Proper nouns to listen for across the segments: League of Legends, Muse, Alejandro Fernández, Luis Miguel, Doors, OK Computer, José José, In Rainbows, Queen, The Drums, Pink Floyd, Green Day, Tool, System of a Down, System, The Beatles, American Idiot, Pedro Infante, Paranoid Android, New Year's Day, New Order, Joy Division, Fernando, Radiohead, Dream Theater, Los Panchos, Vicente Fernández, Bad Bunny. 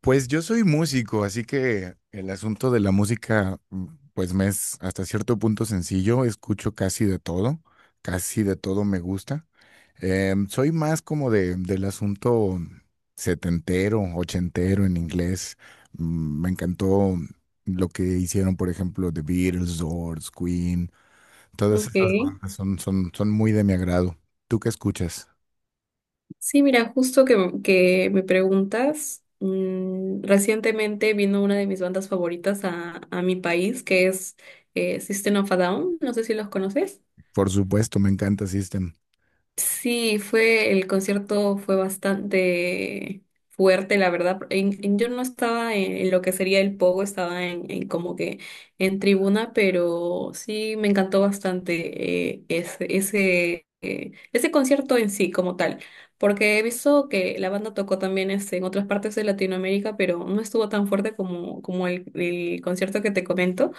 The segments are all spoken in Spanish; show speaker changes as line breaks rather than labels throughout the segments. Pues yo soy músico, así que el asunto de la música, pues me es hasta cierto punto sencillo. Escucho casi de todo me gusta. Soy más como del asunto setentero, ochentero en inglés. Me encantó lo que hicieron, por ejemplo, The Beatles, Doors, Queen. Todas esas
Ok.
bandas son muy de mi agrado. ¿Tú qué escuchas?
Sí, mira, justo que me preguntas, recientemente vino una de mis bandas favoritas a mi país, que es System of a Down, no sé si los conoces.
Por supuesto, me encanta System.
Sí, el concierto fue bastante fuerte, la verdad. Yo no estaba en lo que sería el pogo, estaba en como que en tribuna, pero sí me encantó bastante ese concierto en sí como tal, porque he visto que la banda tocó también este, en otras partes de Latinoamérica, pero no estuvo tan fuerte como el concierto que te comento,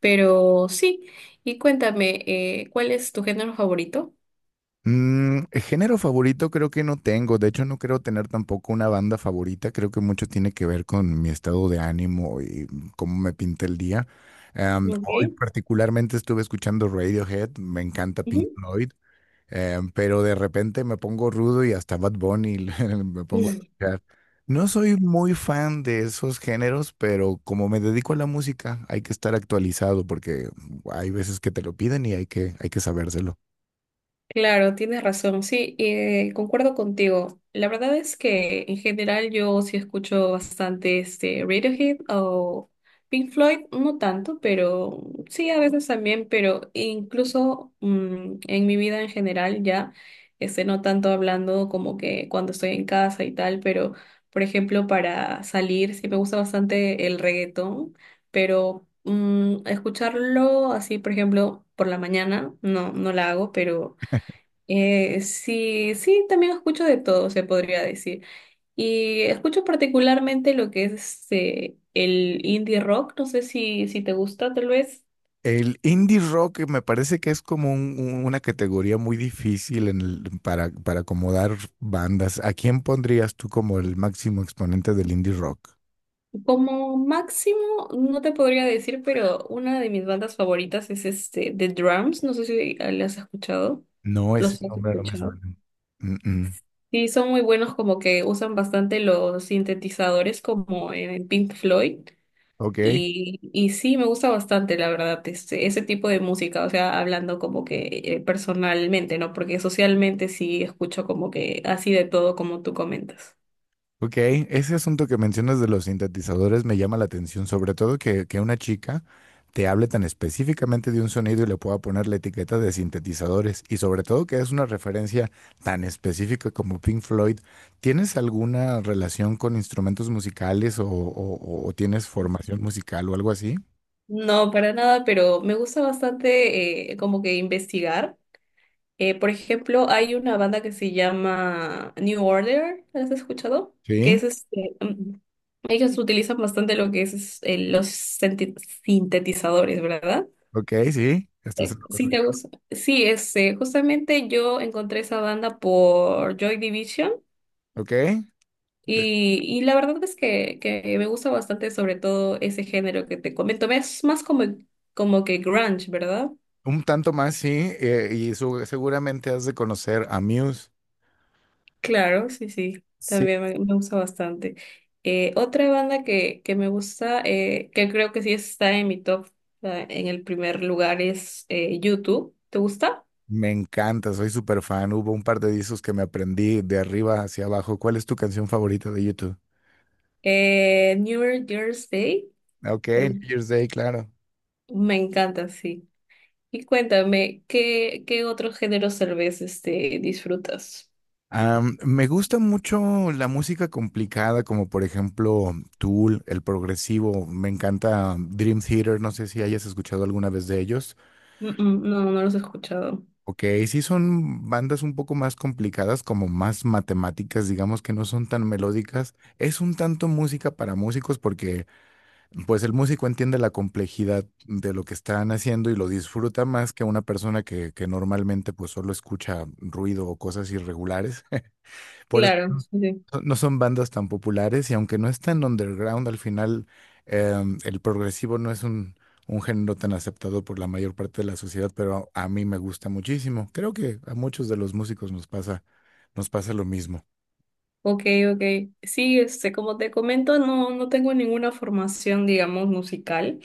pero sí. Y cuéntame, ¿cuál es tu género favorito?
Mm, género favorito creo que no tengo, de hecho no creo tener tampoco una banda favorita, creo que mucho tiene que ver con mi estado de ánimo y cómo me pinta el día. Hoy
Ok.
particularmente estuve escuchando Radiohead, me encanta Pink Floyd, pero de repente me pongo rudo y hasta Bad Bunny me pongo a
Sí.
escuchar. No soy muy fan de esos géneros, pero como me dedico a la música, hay que estar actualizado porque hay veces que te lo piden y hay que sabérselo.
Claro, tienes razón, sí, concuerdo contigo. La verdad es que en general yo sí escucho bastante este Radiohead o Pink Floyd, no tanto, pero sí a veces también, pero incluso en mi vida en general ya, este, no tanto hablando como que cuando estoy en casa y tal, pero por ejemplo para salir sí me gusta bastante el reggaetón, pero escucharlo así, por ejemplo, por la mañana, no la hago, pero sí, también escucho de todo, se podría decir. Y escucho particularmente lo que es este, el indie rock, no sé si te gusta, tal vez.
El indie rock me parece que es como una categoría muy difícil para acomodar bandas. ¿A quién pondrías tú como el máximo exponente del indie rock?
Como máximo, no te podría decir, pero una de mis bandas favoritas es este, The Drums, no sé si ah, las has escuchado.
No, ese
¿Los has
nombre no me
escuchado?
suena. Mm, mm.
Sí, son muy buenos, como que usan bastante los sintetizadores como en Pink Floyd.
Ok.
Y sí, me gusta bastante, la verdad, este, ese tipo de música, o sea, hablando como que personalmente, ¿no? Porque socialmente sí escucho como que así de todo como tú comentas.
Ok, ese asunto que mencionas de los sintetizadores me llama la atención, sobre todo que una chica te hable tan específicamente de un sonido y le pueda poner la etiqueta de sintetizadores y sobre todo que es una referencia tan específica como Pink Floyd. ¿Tienes alguna relación con instrumentos musicales o tienes formación musical o algo así?
No, para nada, pero me gusta bastante como que investigar. Por ejemplo, hay una banda que se llama New Order, ¿la has escuchado? Que
Sí,
es este, ellos utilizan bastante lo que los sintetizadores, ¿verdad?
ok, sí, estás en lo
Sí, te
correcto.
gusta. Sí, es, justamente yo encontré esa banda por Joy Division
Ok, de-
y la verdad es que me gusta bastante sobre todo ese género que te comento. Es más como, como que grunge, ¿verdad?
un tanto más, sí, y seguramente has de conocer a Muse.
Claro, sí, sí, también me gusta bastante. Otra banda que me gusta, que creo que sí está en mi top, en el primer lugar, es YouTube. ¿Te gusta?
Me encanta, soy súper fan. Hubo un par de discos que me aprendí de arriba hacia abajo. ¿Cuál es tu canción favorita de YouTube?
New Year's Day.
Ok,
Eh,
New Year's Day, claro.
Me encanta, sí. Y cuéntame, ¿ qué otros géneros tal vez este, disfrutas?
Me gusta mucho la música complicada, como por ejemplo Tool, el progresivo. Me encanta Dream Theater, no sé si hayas escuchado alguna vez de ellos.
No, no los he escuchado.
Ok, sí son bandas un poco más complicadas, como más matemáticas, digamos que no son tan melódicas. Es un tanto música para músicos porque pues el músico entiende la complejidad de lo que están haciendo y lo disfruta más que una persona que normalmente pues solo escucha ruido o cosas irregulares. Por eso
Claro, sí. Sí.
no son bandas tan populares y aunque no están underground, al final el progresivo no es un género tan aceptado por la mayor parte de la sociedad, pero a mí me gusta muchísimo. Creo que a muchos de los músicos nos pasa lo mismo.
Ok, ok. Sí, este, como te comento, no, no tengo ninguna formación, digamos, musical.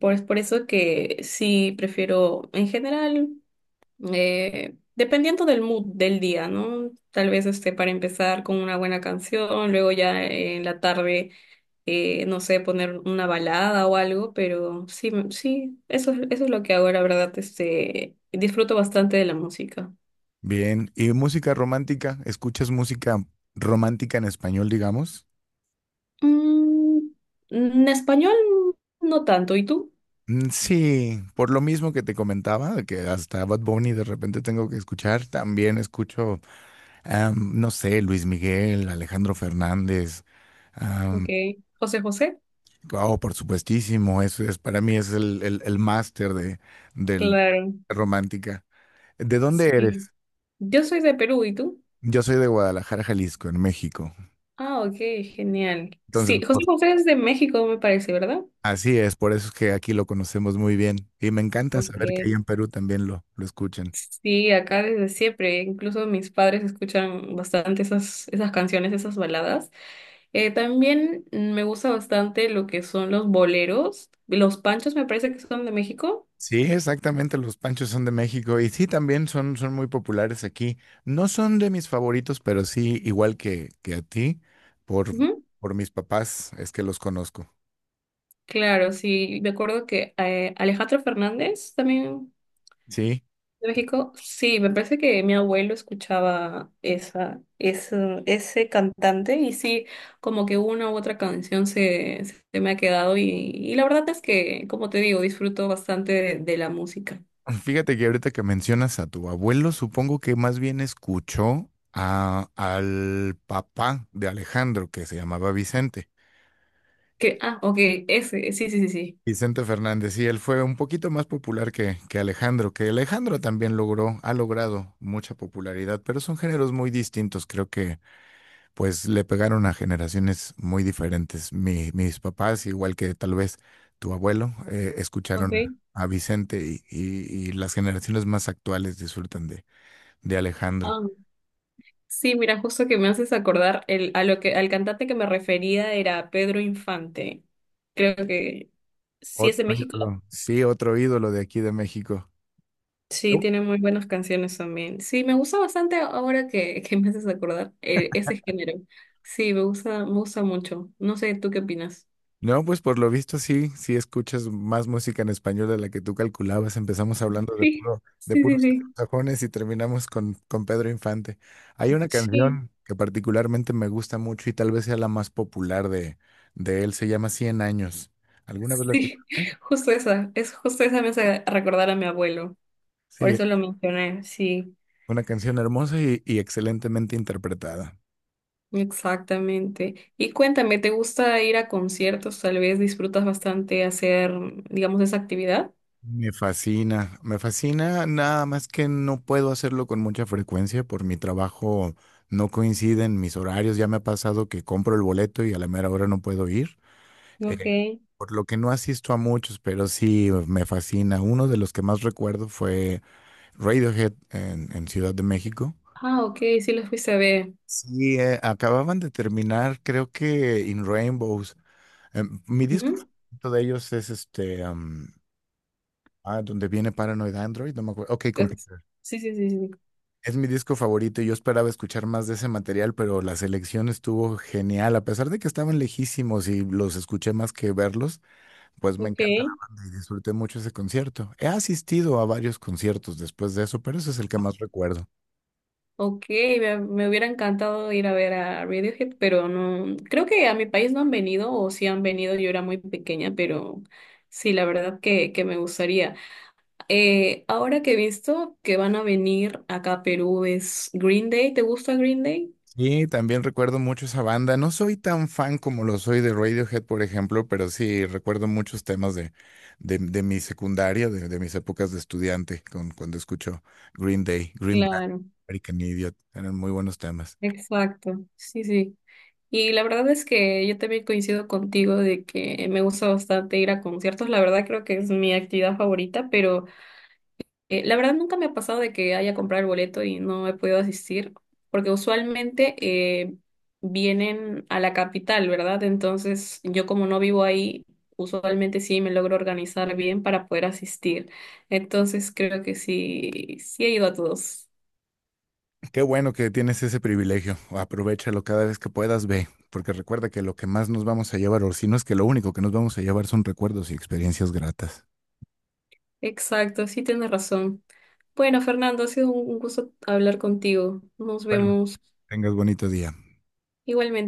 Es por eso que sí prefiero, en general, dependiendo del mood del día, ¿no? Tal vez este, para empezar con una buena canción, luego ya en la tarde. No sé, poner una balada o algo, pero sí, eso es lo que hago, la verdad, este, disfruto bastante de la música.
Bien, ¿y música romántica? ¿Escuchas música romántica en español, digamos?
Mm, en español no tanto, ¿y tú?
Mm, sí, por lo mismo que te comentaba, de que hasta Bad Bunny de repente tengo que escuchar, también escucho, no sé, Luis Miguel, Alejandro Fernández,
Ok,
am,
José José.
oh, por supuestísimo, eso es, para mí es el máster de, del
Claro,
romántica. ¿De dónde
sí.
eres?
Yo soy de Perú, ¿y tú?
Yo soy de Guadalajara, Jalisco, en México.
Ah, ok, genial.
Entonces,
Sí, José
por-
José es de México, me parece, ¿verdad?
Así es, por eso es que aquí lo conocemos muy bien. Y me encanta saber que ahí
Ok.
en Perú también lo escuchan.
Sí, acá desde siempre, incluso mis padres escuchan bastante esas, esas canciones, esas baladas. También me gusta bastante lo que son los boleros, los panchos me parece que son de México.
Sí, exactamente, los panchos son de México y sí, también son muy populares aquí. No son de mis favoritos, pero sí, igual que a ti, por,
Ujú.
por mis papás es que los conozco.
Claro, sí, me acuerdo que Alejandro Fernández también
Sí,
de México, sí, me parece que mi abuelo escuchaba ese cantante y sí, como que una u otra canción se me ha quedado y la verdad es que, como te digo, disfruto bastante de la música.
fíjate que ahorita que mencionas a tu abuelo, supongo que más bien escuchó a, al papá de Alejandro, que se llamaba Vicente.
Ah, ok, ese, sí, sí, sí, sí.
Vicente Fernández, sí, él fue un poquito más popular que Alejandro también logró, ha logrado mucha popularidad, pero son géneros muy distintos, creo que pues le pegaron a generaciones muy diferentes. Mis papás, igual que tal vez tu abuelo, escucharon a
Ok.
Vicente y, y las generaciones más actuales disfrutan de Alejandro.
Ah, sí, mira, justo que me haces acordar el, a lo que, al cantante que me refería era Pedro Infante. Creo que sí es
Otro
de México.
ídolo. Sí, otro ídolo de aquí de México.
Sí, tiene muy buenas canciones también. Sí, me gusta bastante ahora que me haces acordar ese género. Sí, me gusta mucho. No sé, ¿tú qué opinas?
No, pues por lo visto sí, sí escuchas más música en español de la que tú calculabas. Empezamos hablando de
Sí,
puro, de
sí, sí,
puros
sí.
sajones y terminamos con Pedro Infante. Hay una
Sí,
canción que particularmente me gusta mucho y tal vez sea la más popular de él, se llama Cien años. ¿Alguna vez la
sí.
escuchaste?
Justo esa. Es justo esa me hace recordar a mi abuelo. Por
Sí,
eso lo mencioné. Sí,
una canción hermosa y excelentemente interpretada.
exactamente. Y cuéntame, ¿te gusta ir a conciertos? Tal vez disfrutas bastante hacer, digamos, esa actividad.
Me fascina, nada más que no puedo hacerlo con mucha frecuencia por mi trabajo, no coinciden mis horarios, ya me ha pasado que compro el boleto y a la mera hora no puedo ir,
Ok.
eh, por lo que no asisto a muchos, pero sí me fascina. Uno de los que más recuerdo fue Radiohead en Ciudad de México.
Ah, ok, sí los fuiste a ver.
Sí, acababan de terminar, creo que In Rainbows. Mi disco
Ujú.
favorito de ellos es este, donde viene Paranoid Android, no me acuerdo. OK Computer.
Sí, sí, sí, sí.
Es mi disco favorito y yo esperaba escuchar más de ese material, pero la selección estuvo genial. A pesar de que estaban lejísimos y los escuché más que verlos, pues me
Ok,
encanta la banda y disfruté mucho ese concierto. He asistido a varios conciertos después de eso, pero ese es el que más recuerdo.
ok, me hubiera encantado ir a ver a Radiohead, pero no, creo que a mi país no han venido, o si han venido, yo era muy pequeña, pero sí, la verdad que me gustaría. Ahora que he visto que van a venir acá a Perú es Green Day, ¿te gusta Green Day?
Sí, también recuerdo mucho esa banda. No soy tan fan como lo soy de Radiohead, por ejemplo, pero sí recuerdo muchos temas de mi secundaria, de mis épocas de estudiante, con, cuando escucho Green Day, Green Bad,
Claro,
American Idiot. Eran muy buenos temas.
exacto, sí, sí. Y la verdad es que yo también coincido contigo de que me gusta bastante ir a conciertos, la verdad creo que es mi actividad favorita, pero... la verdad nunca me ha pasado de que haya comprado el boleto y no he podido asistir, porque usualmente vienen a la capital, ¿verdad? Entonces yo como no vivo ahí, usualmente sí me logro organizar bien para poder asistir. Entonces creo que sí, sí he ido a todos.
Qué bueno que tienes ese privilegio. Aprovéchalo cada vez que puedas, ve, porque recuerda que lo que más nos vamos a llevar, o si no es que lo único que nos vamos a llevar son recuerdos y experiencias gratas.
Exacto, sí tienes razón. Bueno, Fernando, ha sido un gusto hablar contigo. Nos
Bueno,
vemos
tengas bonito día.
igualmente.